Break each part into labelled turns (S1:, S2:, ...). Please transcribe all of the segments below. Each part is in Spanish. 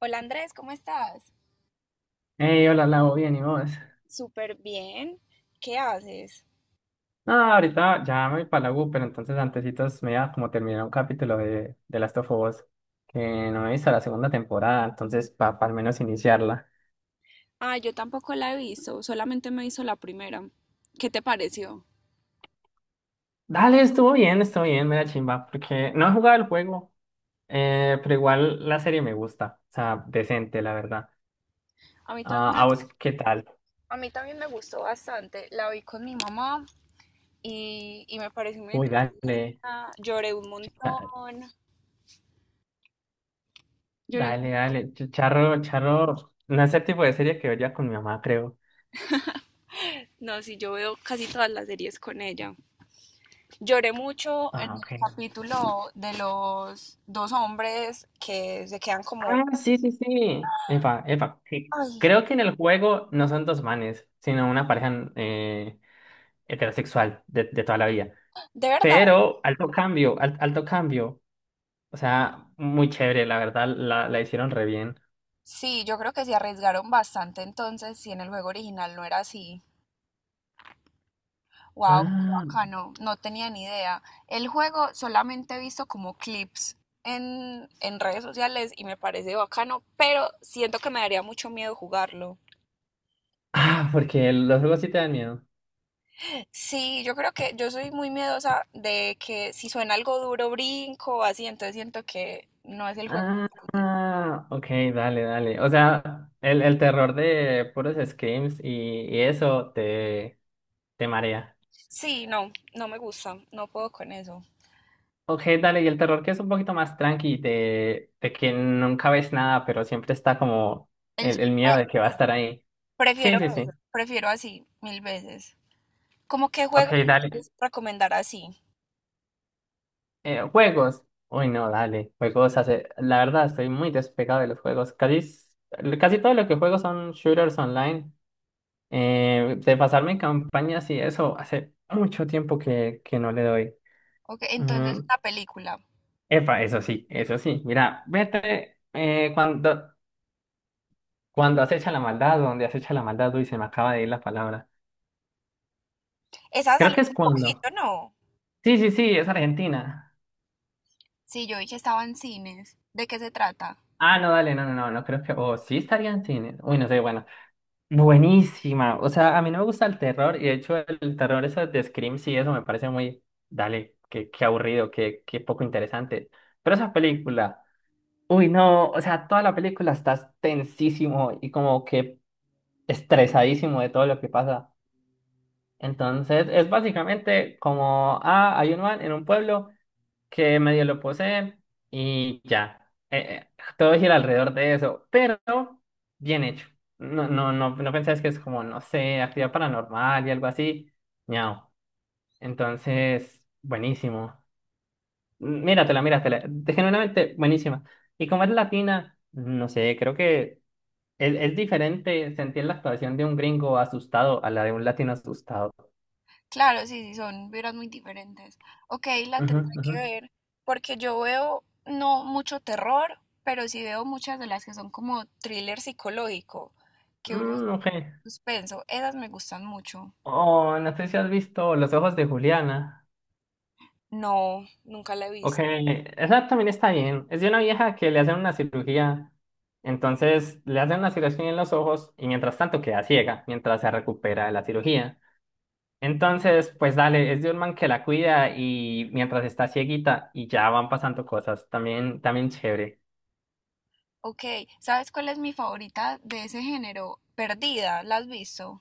S1: Hola Andrés, ¿cómo estás?
S2: Hey, hola, Lau, bien, ¿y vos?
S1: Súper bien. ¿Qué haces?
S2: No, ahorita ya me voy para la U, pero entonces antecitos me iba a como terminar un capítulo de Last of Us, que no he visto la segunda temporada, entonces para al menos iniciarla.
S1: Ah, yo tampoco la he visto, solamente me hizo la primera. ¿Qué te pareció?
S2: Dale, estuvo bien, me da chimba, porque no he jugado el juego, pero igual la serie me gusta, o sea, decente, la verdad.
S1: A mí
S2: Ah, ¿a
S1: también,
S2: vos qué tal?
S1: a mí también me gustó bastante. La vi con mi mamá y me pareció muy
S2: Uy, dale,
S1: entretenida. Lloré un
S2: da-
S1: montón. Lloré
S2: dale,
S1: mucho.
S2: dale, charro, charro, no es el tipo de serie que vería con mi mamá, creo.
S1: No, sí, yo veo casi todas las series con ella. Lloré mucho en
S2: Ah,
S1: el
S2: ok.
S1: capítulo de los dos hombres que se quedan como.
S2: Ah, sí, sí, sí. Epa, epa. Sí.
S1: Ay,
S2: Creo que en el juego no son dos manes, sino una pareja heterosexual de toda la vida.
S1: de verdad.
S2: Pero alto cambio, alto cambio. O sea, muy chévere, la verdad, la hicieron re bien.
S1: Sí, yo creo que se arriesgaron bastante entonces si en el juego original no era así. Wow, qué
S2: Ah,
S1: bacano, no tenía ni idea. El juego solamente he visto como clips en redes sociales y me parece bacano, pero siento que me daría mucho miedo jugarlo.
S2: ah, porque los juegos sí te dan miedo.
S1: Sí, yo creo que yo soy muy miedosa de que si suena algo duro brinco o así, entonces siento que no es el juego
S2: Ah,
S1: para mí.
S2: ah, ok, dale, dale. O sea, el terror de puros screams y eso te, marea.
S1: Sí, no, no me gusta, no puedo con eso.
S2: Ok, dale, y el terror que es un poquito más tranqui, de que nunca ves nada, pero siempre está como
S1: El
S2: el miedo de que va a
S1: suspenso,
S2: estar ahí.
S1: prefiero
S2: Sí, sí,
S1: eso,
S2: sí.
S1: prefiero así mil veces. ¿Cómo qué
S2: Ok,
S1: juego
S2: dale.
S1: entonces recomendar así?
S2: Juegos. Uy, no, dale. Juegos hace. La verdad, estoy muy despegado de los juegos. Casi, casi todo lo que juego son shooters online. De pasarme en campañas y eso, hace mucho tiempo que no le doy.
S1: Ok,
S2: Mm,
S1: entonces una película.
S2: Epa, eso sí, eso sí. Mira, vete, Cuando acecha la maldad, o donde acecha la maldad, uy, se me acaba de ir la palabra.
S1: Esa
S2: Creo
S1: salió
S2: que es
S1: hace
S2: cuando.
S1: poquito, ¿no?
S2: Sí, sí, sí, es Argentina.
S1: Sí, yo vi que estaba en cines. ¿De qué se trata?
S2: Ah, no, dale, no, no, no, no creo que. O sí estaría en cine. Uy, no sé, bueno. Buenísima. O sea, a mí no me gusta el terror, y de hecho, el terror eso de Scream, sí, eso me parece muy. Dale, qué aburrido, qué poco interesante. Pero esa película. Uy, no, o sea, toda la película estás tensísimo y como que estresadísimo de todo lo que pasa. Entonces es básicamente como, hay un man en un pueblo que medio lo poseen y ya. Todo gira alrededor de eso, pero bien hecho. No, no, no, no pensás que es como, no sé, actividad paranormal y algo así. Ñao. Entonces, buenísimo. Míratela, míratela. Genuinamente buenísima. Y como es latina, no sé, creo que es diferente sentir la actuación de un gringo asustado a la de un latino asustado.
S1: Claro, sí, sí, son vibras muy diferentes. Ok, la
S2: Ujú,
S1: tendré
S2: ujú.
S1: que ver porque yo veo no mucho terror, pero sí veo muchas de las que son como thriller psicológico, que uno
S2: Mm,
S1: está
S2: ok.
S1: en suspenso. Esas me gustan mucho.
S2: O no sé si has visto Los ojos de Juliana.
S1: No, nunca la he
S2: Ok,
S1: visto.
S2: esa también está bien. Es de una vieja que le hacen una cirugía. Entonces le hacen una cirugía en los ojos y mientras tanto queda ciega, mientras se recupera de la cirugía. Entonces, pues dale, es de un man que la cuida y mientras está cieguita y ya van pasando cosas. También, también chévere.
S1: Ok, ¿sabes cuál es mi favorita de ese género? Perdida, ¿la has visto?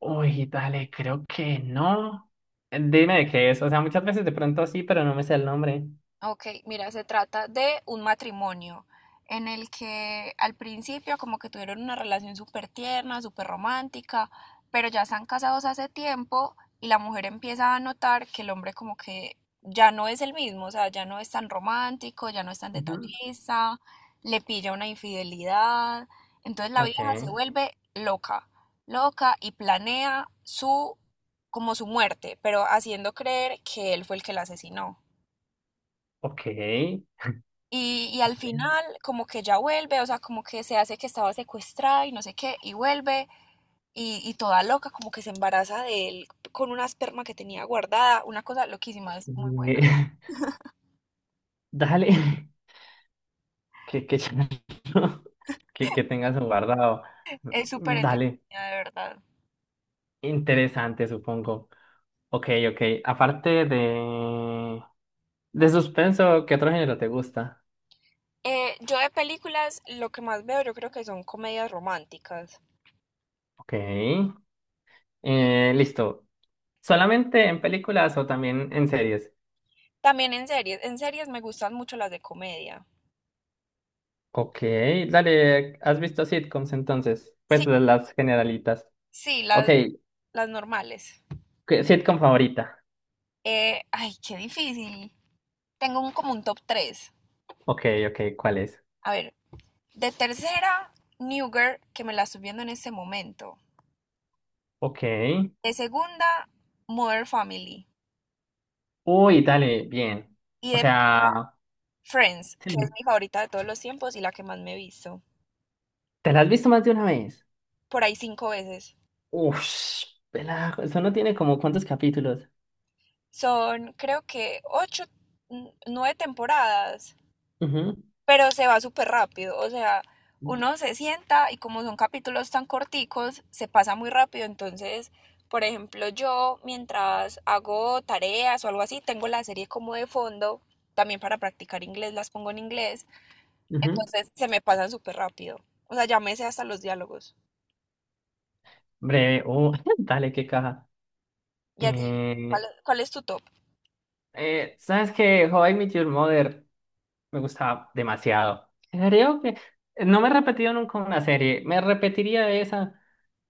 S2: Uy, dale, creo que no. Dime de qué es. O sea, muchas veces de pronto sí, pero no me sé el nombre.
S1: Ok, mira, se trata de un matrimonio en el que al principio como que tuvieron una relación súper tierna, súper romántica, pero ya están casados hace tiempo y la mujer empieza a notar que el hombre como que ya no es el mismo, o sea, ya no es tan romántico, ya no es tan
S2: Ujú.
S1: detallista, le pilla una infidelidad, entonces la
S2: Ok,
S1: vieja se vuelve loca, loca y planea su como su muerte, pero haciendo creer que él fue el que la asesinó.
S2: ok.
S1: Y al
S2: Eh,
S1: final, como que ya vuelve, o sea, como que se hace que estaba secuestrada y no sé qué, y vuelve, y toda loca, como que se embaraza de él con una esperma que tenía guardada, una cosa loquísima, es muy buena.
S2: dale, que, ya no- que tengas un guardado.
S1: Es súper entretenida,
S2: Dale,
S1: de verdad.
S2: interesante, supongo. Ok, ok. Aparte de suspenso, ¿qué otro género te gusta?
S1: Yo de películas, lo que más veo, yo creo que son comedias románticas.
S2: Ok, listo. ¿Solamente en películas o también en series?
S1: También en series me gustan mucho las de comedia.
S2: Ok, dale, ¿has visto sitcoms entonces?
S1: Sí,
S2: Pues de las generalitas.
S1: sí,
S2: Ok,
S1: las normales.
S2: ¿sitcom favorita?
S1: Ay, qué difícil. Tengo como un top tres.
S2: Ok, ok, ¿cuál es?
S1: A ver, de tercera, New Girl, que me la estoy viendo en este momento.
S2: Ok.
S1: De segunda, Modern Family.
S2: Uy, dale, bien.
S1: Y
S2: O
S1: de
S2: sea,
S1: Friends, que es
S2: sí,
S1: mi favorita de todos los tiempos y la que más me he visto.
S2: ¿te la has visto más de una vez?
S1: Por ahí cinco veces.
S2: Uff, eso no tiene como cuántos capítulos.
S1: Son, creo que, ocho, nueve temporadas,
S2: Ujú,
S1: pero se va súper rápido, o sea, uno se sienta y como son capítulos tan corticos, se pasa muy rápido, entonces, por ejemplo, yo mientras hago tareas o algo así, tengo la serie como de fondo, también para practicar inglés, las pongo en inglés,
S2: ujú.
S1: entonces se me pasan súper rápido, o sea, ya me sé hasta los diálogos.
S2: Breve, oh, dale, qué caja.
S1: ¿Y a ti? ¿Cuál,
S2: Eh,
S1: cuál es tu top?
S2: ¿Sabes qué? How I Met Your Mother me gustaba demasiado. Creo que no me he repetido nunca una serie, me repetiría esa,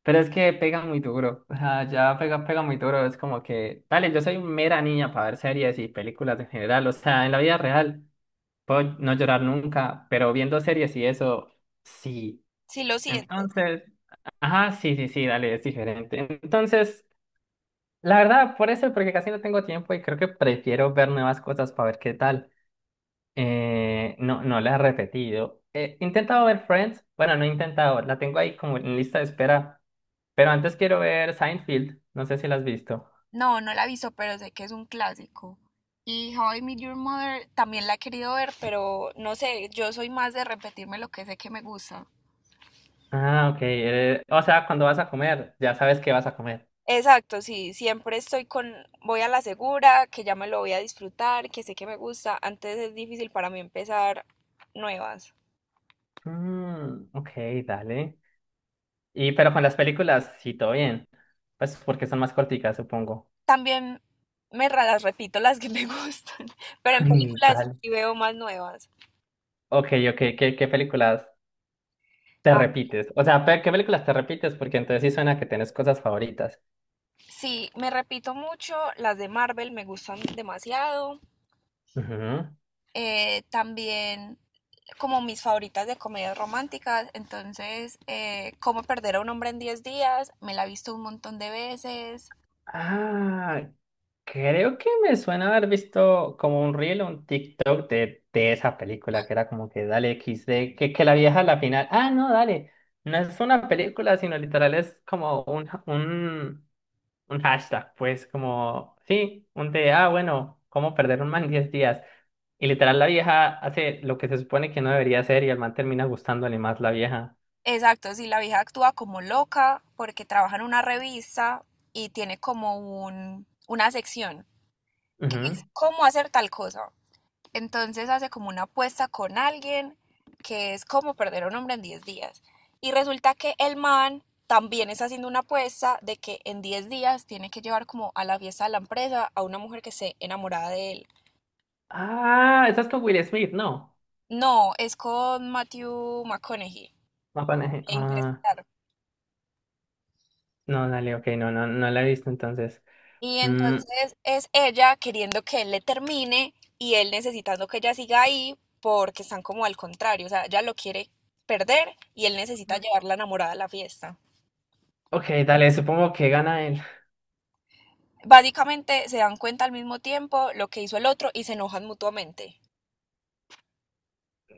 S2: pero es que pega muy duro. O sea, ya pega, pega muy duro. Es como que, dale, yo soy mera niña para ver series y películas en general, o sea, en la vida real. Puedo no llorar nunca, pero viendo series y eso, sí.
S1: Si lo sientes.
S2: Entonces, ajá, sí, sí, sí, dale, es diferente. Entonces, la verdad, por eso, porque casi no tengo tiempo y creo que prefiero ver nuevas cosas para ver qué tal. No, no la he repetido. He intentado ver Friends, bueno, no he intentado, la tengo ahí como en lista de espera, pero antes quiero ver Seinfeld, no sé si la has visto.
S1: No, no la he visto, pero sé que es un clásico. Y How I Met Your Mother también la he querido ver, pero no sé, yo soy más de repetirme lo que sé que me gusta.
S2: Ah, ok, o sea, cuando vas a comer, ya sabes qué vas a comer.
S1: Exacto, sí, siempre estoy con, voy a la segura, que ya me lo voy a disfrutar, que sé que me gusta. Antes es difícil para mí empezar nuevas.
S2: Mm, ok, dale. Y pero con las películas, sí, todo bien. Pues porque son más corticas, supongo.
S1: También las repito las que me gustan, pero en películas
S2: Tal.
S1: sí veo más nuevas.
S2: Ok, ok, ¿qué películas te
S1: Ah,
S2: repites. O sea, ¿qué películas te repites? Porque entonces sí suena que tienes cosas favoritas.
S1: sí, me repito mucho, las de Marvel me gustan demasiado.
S2: Ujú.
S1: También como mis favoritas de comedias románticas, entonces Cómo perder a un hombre en 10 días, me la he visto un montón de veces.
S2: Ah, creo que me suena haber visto como un reel o un TikTok de esa película que era como que dale XD, que la vieja a la final. Ah, no, dale. No es una película, sino literal es como un hashtag, pues como, sí, un de, bueno, ¿cómo perder un man en 10 días? Y literal la vieja hace lo que se supone que no debería hacer y el man termina gustándole más la vieja.
S1: Exacto, si sí, la vieja actúa como loca porque trabaja en una revista y tiene como una sección que
S2: Ujú.
S1: es cómo hacer tal cosa. Entonces hace como una apuesta con alguien que es como perder a un hombre en 10 días. Y resulta que el man también está haciendo una apuesta de que en 10 días tiene que llevar como a la fiesta de la empresa a una mujer que esté enamorada de él.
S2: Ah, estás con Will Smith, no.
S1: No, es con Matthew McConaughey
S2: No, con
S1: e
S2: ah,
S1: Interestelar.
S2: no, dale, ok, no, no, no la he visto entonces.
S1: Y
S2: Mm,
S1: entonces es ella queriendo que él le termine y él necesitando que ella siga ahí porque están como al contrario, o sea, ella lo quiere perder y él necesita llevarla enamorada a la fiesta.
S2: ok, dale, supongo que gana él.
S1: Básicamente se dan cuenta al mismo tiempo lo que hizo el otro y se enojan mutuamente.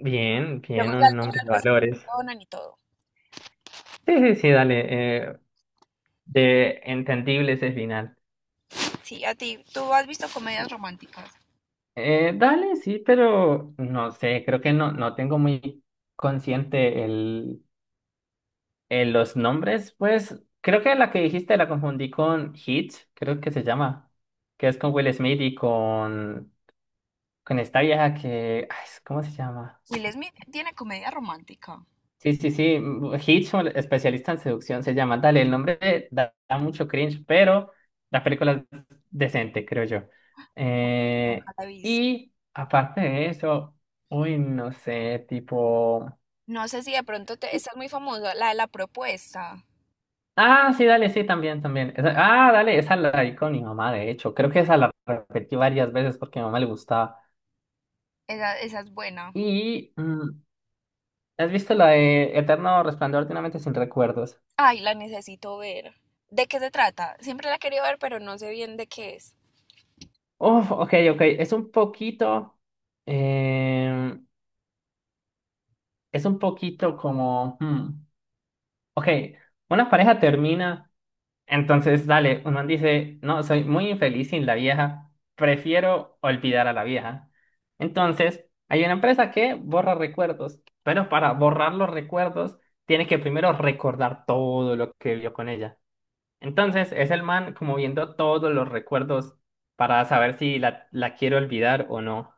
S2: Bien,
S1: Luego
S2: bien,
S1: ya al
S2: un hombre
S1: final
S2: de
S1: pues se
S2: valores.
S1: perdonan y todo.
S2: Sí, sí, sí, dale. De entendible ese final.
S1: Sí, a ti, tú has visto comedias románticas.
S2: Dale, sí, pero no sé, creo que no, no tengo muy consciente el, los nombres. Pues creo que la que dijiste la confundí con Hitch, creo que se llama, que es con Will Smith y con esta vieja que, ay, ¿cómo se llama?
S1: Will Smith tiene comedia romántica.
S2: Sí, sí, sí. Hitch, un especialista en seducción, se llama. Dale, el nombre da mucho cringe, pero la película es decente, creo yo.
S1: Nunca
S2: Eh,
S1: la he visto.
S2: y aparte de eso, uy, no sé, tipo.
S1: No sé si de pronto te, esta es muy famosa, la de la propuesta.
S2: Ah, sí, dale, sí, también, también. Dale, esa la vi con mi mamá, de hecho. Creo que esa la repetí varias veces porque a mi mamá le gustaba.
S1: Esa es buena.
S2: Y, ¿has visto la de Eterno Resplandor de una mente sin recuerdos?
S1: Ay, la necesito ver. ¿De qué se trata? Siempre la he querido ver, pero no sé bien de qué es.
S2: Uf, ok, ok. Es un poquito. em, es un poquito como. Hmm, Ok, una pareja termina. Entonces, dale, un man dice: No, soy muy infeliz sin la vieja. Prefiero olvidar a la vieja. Entonces, hay una empresa que borra recuerdos. Pero para borrar los recuerdos, tiene que primero recordar todo lo que vio con ella. Entonces, es el man como viendo todos los recuerdos para saber si la quiere olvidar o no.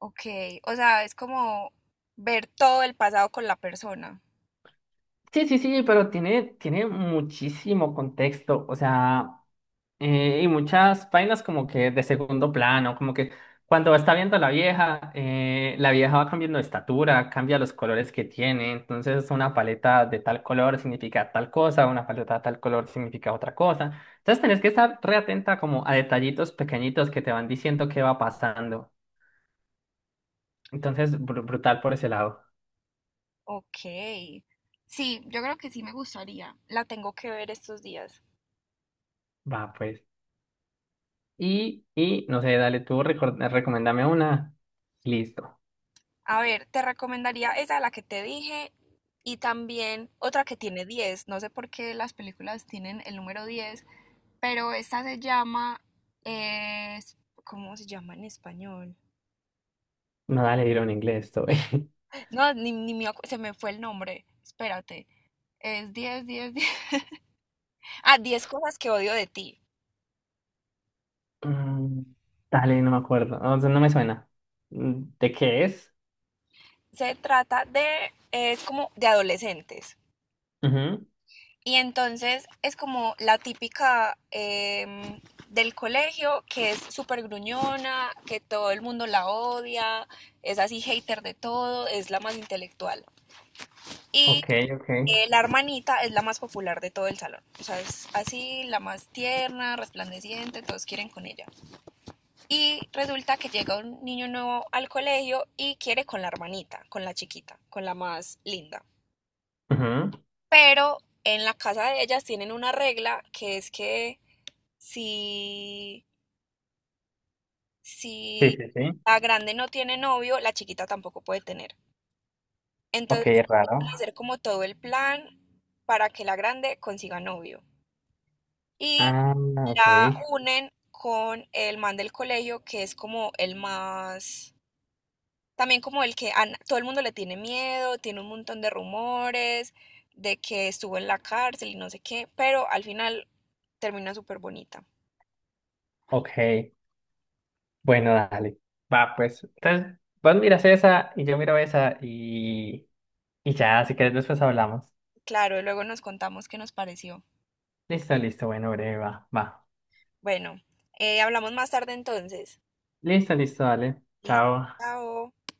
S1: Ok, o sea, es como ver todo el pasado con la persona.
S2: Sí, sí, sí, pero tiene muchísimo contexto, o sea, y muchas vainas como que de segundo plano, como que cuando está viendo a la vieja va cambiando de estatura, cambia los colores que tiene, entonces una paleta de tal color significa tal cosa, una paleta de tal color significa otra cosa, entonces tenés que estar re atenta como a detallitos pequeñitos que te van diciendo qué va pasando, entonces brutal por ese lado,
S1: Ok. Sí, yo creo que sí me gustaría. La tengo que ver estos días.
S2: va pues. Y no sé, dale tú, recomendame una. Listo.
S1: A ver, te recomendaría esa, la que te dije, y también otra que tiene 10. No sé por qué las películas tienen el número 10, pero esta se llama. es- ¿Cómo se llama en español?
S2: No, dale, dilo en inglés, estoy.
S1: No, ni, ni me acu- se me fue el nombre. Espérate. Es diez. Ah, 10 cosas que odio de ti.
S2: Mm, dale, no me acuerdo. O sea, no me suena. ¿De qué es?
S1: Se trata de. Es como de adolescentes.
S2: Ujú.
S1: Y entonces es como la típica del colegio que es súper gruñona, que todo el mundo la odia, es así hater de todo, es la más intelectual. Y
S2: Ok, ok.
S1: la hermanita es la más popular de todo el salón. O sea, es así, la más tierna, resplandeciente, todos quieren con ella. Y resulta que llega un niño nuevo al colegio y quiere con la hermanita, con la chiquita, con la más linda.
S2: Ujú.
S1: Pero en la casa de ellas tienen una regla que es que Si,
S2: Sí,
S1: si
S2: sí, sí.
S1: la grande no tiene novio, la chiquita tampoco puede tener. Entonces,
S2: Ok, es
S1: van
S2: raro.
S1: a hacer como todo el plan para que la grande consiga novio. Y
S2: Ah, ok.
S1: la unen con el man del colegio, que es como el más, también como el que todo el mundo le tiene miedo, tiene un montón de rumores de que estuvo en la cárcel y no sé qué, pero al final termina súper bonita.
S2: Ok. Bueno, dale. Va, pues. Entonces, vos miras esa y yo miro esa y ya, si querés después hablamos.
S1: Claro, y luego nos contamos qué nos pareció.
S2: Listo, listo. Bueno, breve, va. Va.
S1: Bueno, hablamos más tarde entonces.
S2: Listo, listo, dale.
S1: Listo,
S2: Chao.
S1: chao.